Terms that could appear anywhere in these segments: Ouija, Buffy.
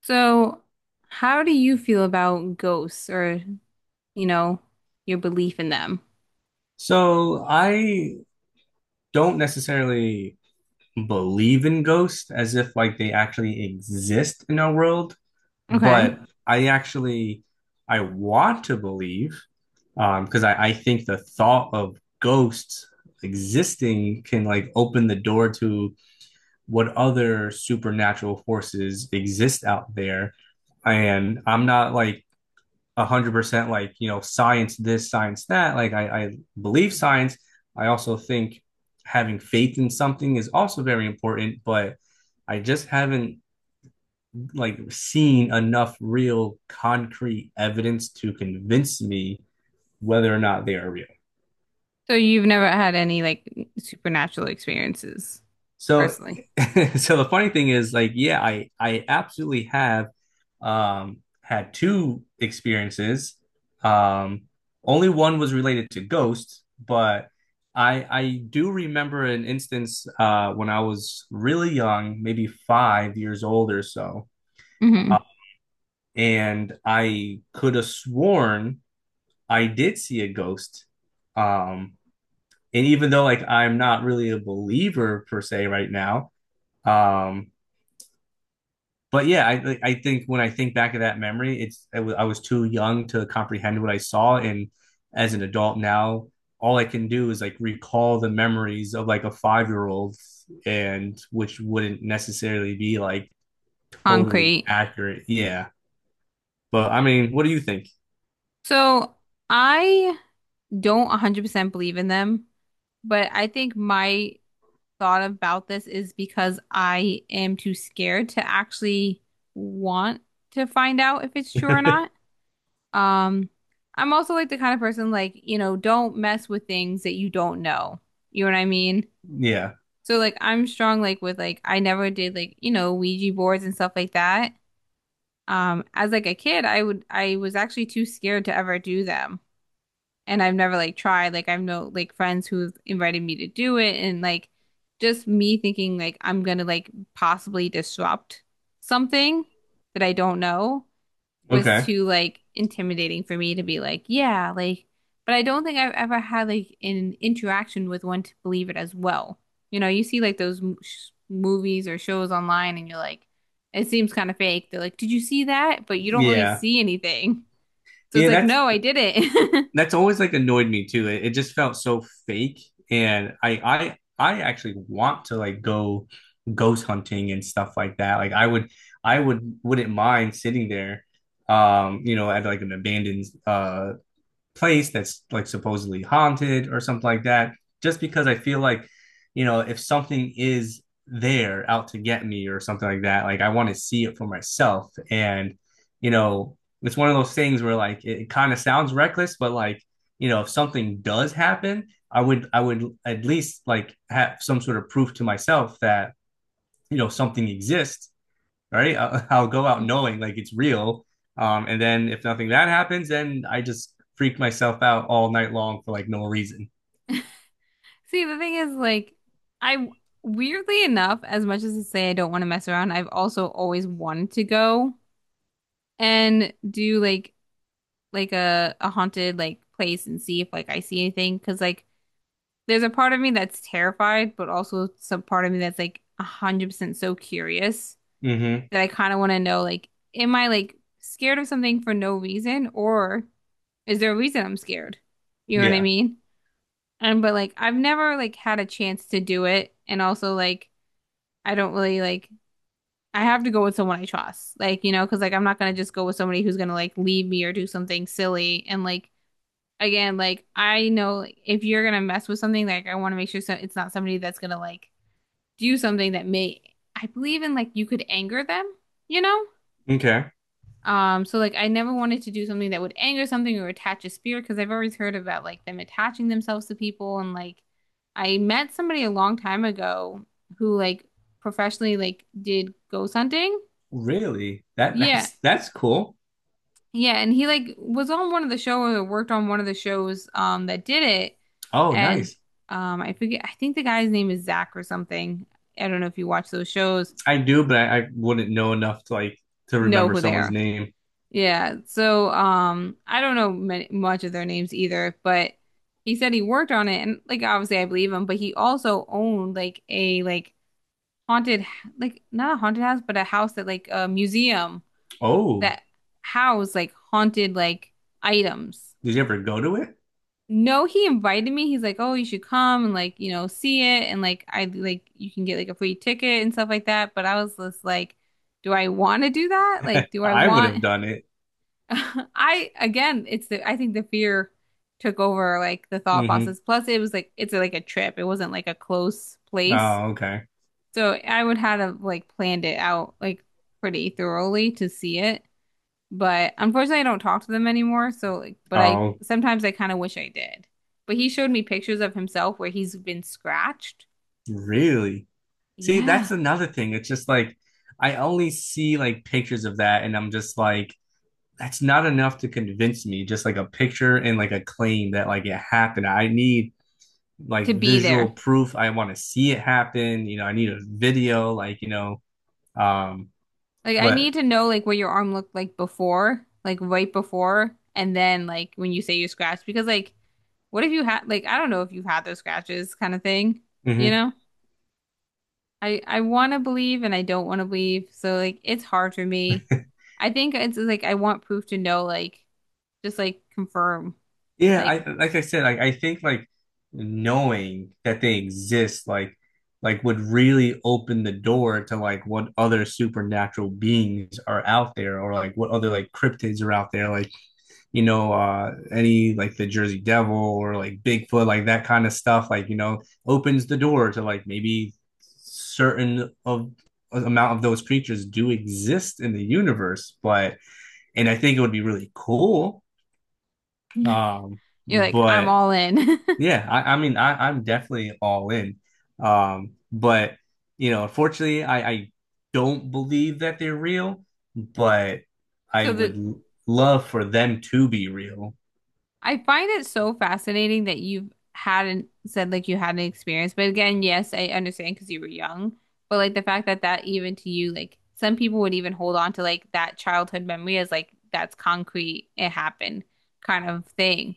So, how do you feel about ghosts, or, you know, your belief in them? So I don't necessarily believe in ghosts as if like they actually exist in our world, Okay. but I actually, I want to believe because I think the thought of ghosts existing can like open the door to what other supernatural forces exist out there. And I'm not like 100% like, science this, science that. Like, I believe science. I also think having faith in something is also very important, but I just haven't like seen enough real concrete evidence to convince me whether or not they are real. So you've never had any like supernatural experiences So personally. so the funny thing is like yeah, I absolutely have had two experiences. Um, only one was related to ghosts, but I do remember an instance when I was really young, maybe 5 years old or so, Hmm. uh, and I could have sworn I did see a ghost. Um, and even though like I'm not really a believer per se right now, um, but yeah, I like, I think when I think back of that memory, it's I was too young to comprehend what I saw, and as an adult now, all I can do is like recall the memories of like a 5-year old, and which wouldn't necessarily be like totally Concrete. accurate. Yeah, but I mean, what do you think? So I don't 100% believe in them, but I think my thought about this is because I am too scared to actually want to find out if it's true or not. Um, I'm also like the kind of person like, you know, don't mess with things that you don't know. You know what I mean? Yeah. So like I'm strong like with like I never did like, you know, Ouija boards and stuff like that. As like a kid, I was actually too scared to ever do them. And I've never like tried. Like I've no like friends who've invited me to do it, and like just me thinking like I'm gonna like possibly disrupt something that I don't know was Okay. too like intimidating for me to be like, yeah, like, but I don't think I've ever had like an interaction with one to believe it as well. You know, you see like those m sh movies or shows online and you're like, it seems kind of fake. They're like, did you see that? But you don't really Yeah. see anything. So it's Yeah, like, that's no, I didn't. that's always like annoyed me too. It just felt so fake, and I actually want to like go ghost hunting and stuff like that. Like I wouldn't mind sitting there, you know, at like an abandoned place that's like supposedly haunted or something like that just because I feel like, if something is there out to get me or something like that, like I want to see it for myself. And, you know it's one of those things where like it kind of sounds reckless, but like, if something does happen, I would at least like have some sort of proof to myself that, something exists, right? I'll, I'll go out knowing like it's real. And then if nothing that happens, then I just freak myself out all night long for like no reason. See, the thing is, like, I weirdly enough, as much as to say I don't want to mess around, I've also always wanted to go and do like a haunted like place and see if like I see anything, because like there's a part of me that's terrified, but also some part of me that's like 100% so curious Mm-hmm. that I kind of want to know like am I like scared of something for no reason, or is there a reason I'm scared? You know what I Yeah. mean? And but like I've never like had a chance to do it, and also like I don't really like I have to go with someone I trust, like you know, because like I'm not gonna just go with somebody who's gonna like leave me or do something silly, and like again, like I know like, if you're gonna mess with something, like I want to make sure so it's not somebody that's gonna like do something that may I believe in like you could anger them, you know? Okay. So like I never wanted to do something that would anger something or attach a spirit, because I've always heard about like them attaching themselves to people, and like I met somebody a long time ago who like professionally like did ghost hunting. Really? That Yeah. that's cool. Yeah, and he like was on one of the shows or worked on one of the shows that did it. Oh, And nice. I forget, I think the guy's name is Zach or something. I don't know if you watch those shows, I do, but I wouldn't know enough to like to know remember who they someone's are. name. Yeah. So I don't know many, much of their names either, but he said he worked on it, and like obviously I believe him, but he also owned like a like haunted, h- like not a haunted house, but a house that like a museum Oh, that housed like haunted like items. did you ever go to it? No, he invited me. He's like, "Oh, you should come and like, you know, see it, and like I like you can get like a free ticket and stuff like that." But I was just like, "Do I want to do that? Like, do I I would want" have done it. I again, it's the I think the fear took over like the thought Mm-hmm. process. Plus it was like it's like a trip. It wasn't like a close place. Oh, okay. So I would have like planned it out like pretty thoroughly to see it. But unfortunately, I don't talk to them anymore. So, like, but I Oh, sometimes I kind of wish I did. But he showed me pictures of himself where he's been scratched. really? See, that's Yeah, another thing. It's just like I only see like pictures of that, and I'm just like, that's not enough to convince me, just like a picture and like a claim that like it happened. I need like to be visual there. proof. I want to see it happen. I need a video, like, um Like, I but. need to know like what your arm looked like before, like right before, and then like when you say you're scratched, because like, what if you had like I don't know if you've had those scratches kind of thing, you Mhm. know? I want to believe and I don't want to believe. So like, it's hard for me. I think it's like I want proof to know, like, just like confirm, Yeah, like. I like I said, like I think, like knowing that they exist, like would really open the door to like what other supernatural beings are out there or like what other like cryptids are out there, like, you know, any like the Jersey Devil or like Bigfoot, like that kind of stuff, like, you know, opens the door to like maybe certain of amount of those creatures do exist in the universe. But, and I think it would be really cool. Um, You're like, I'm but all in. yeah, I mean, I'm definitely all in. But, you know, unfortunately, I don't believe that they're real, but I So the would love for them to be real. I find it so fascinating that you have hadn't said like you had an experience. But again, yes, I understand because you were young. But like the fact that that even to you, like some people would even hold on to like that childhood memory as like that's concrete, it happened kind of thing.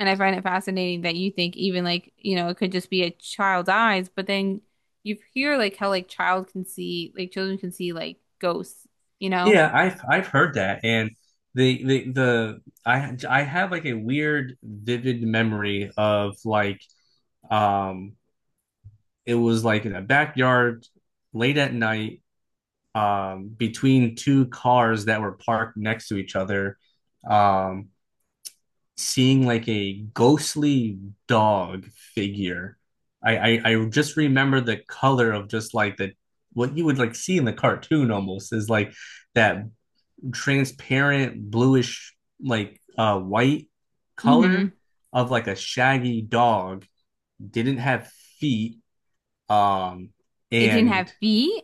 And I find it fascinating that you think even like, you know, it could just be a child's eyes, but then you hear like how like child can see, like children can see like ghosts, you know? Yeah, I've heard that, and the I have like a weird vivid memory of like um it was like in a backyard late at night, between two cars that were parked next to each other, um seeing like a ghostly dog figure. I just remember the color of just like the what you would like see in the cartoon, almost is like that transparent bluish like white Hmm. color of like a shaggy dog, didn't have feet, um It didn't and have feet.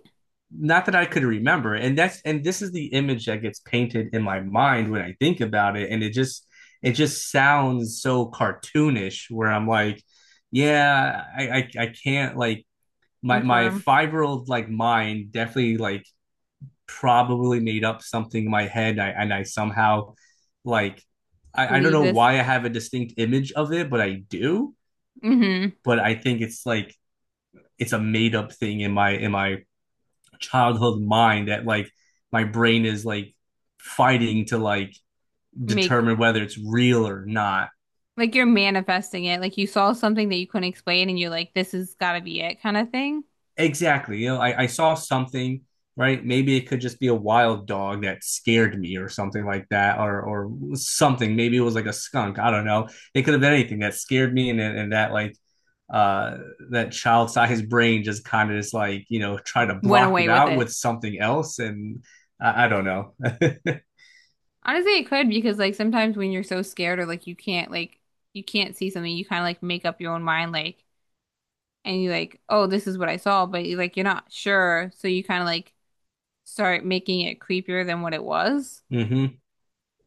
not that I could remember. And that's, and this is the image that gets painted in my mind when I think about it, and it just sounds so cartoonish where I'm like, yeah, I can't like my Confirm, 5-year old like mind definitely like probably made up something in my head, and I somehow, like, I don't believe know this. why I have a distinct image of it, but I do. Hmm. But I think it's like it's a made up thing in my childhood mind that like my brain is like fighting to like Make determine whether it's real or not. like you're manifesting it. Like you saw something that you couldn't explain and you're like, this has got to be it kind of thing. Exactly. You know, I saw something, right? Maybe it could just be a wild dog that scared me or something like that, or something. Maybe it was like a skunk. I don't know. It could have been anything that scared me and that like uh that child sized brain just kind of just like, you know, try to Went block away it with out it. with something else. And I don't know. Honestly, it could, because like sometimes when you're so scared or like you can't see something, you kind of like make up your own mind like and you like, oh, this is what I saw, but you like you're not sure, so you kind of like start making it creepier than what it was. Hmm.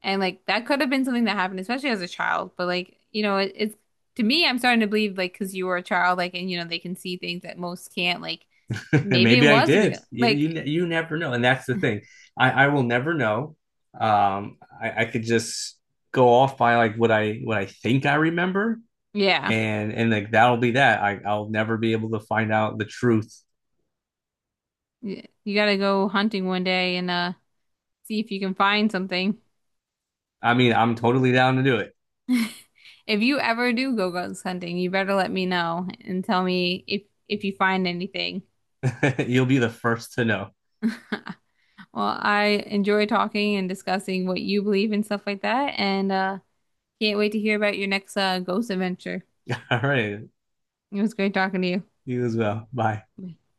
And like that could have been something that happened, especially as a child. But like, you know, it, it's to me, I'm starting to believe like because you were a child, like, and you know, they can see things that most can't. Like, And maybe it maybe I was did. real. You, you Like, you never know, and that's the thing. I will never know. I could just go off by like what I think I remember, yeah, yeah, and like that'll be that. I'll never be able to find out the truth. Y- you gotta go hunting one day, and see if you can find something. I mean, I'm totally down to do If you ever do go ghost hunting, you better let me know and tell me if you find anything. it. You'll be the first to know. Well, I enjoy talking and discussing what you believe and stuff like that, and can't wait to hear about your next ghost adventure. All right, It was great talking to you as well. Bye. you.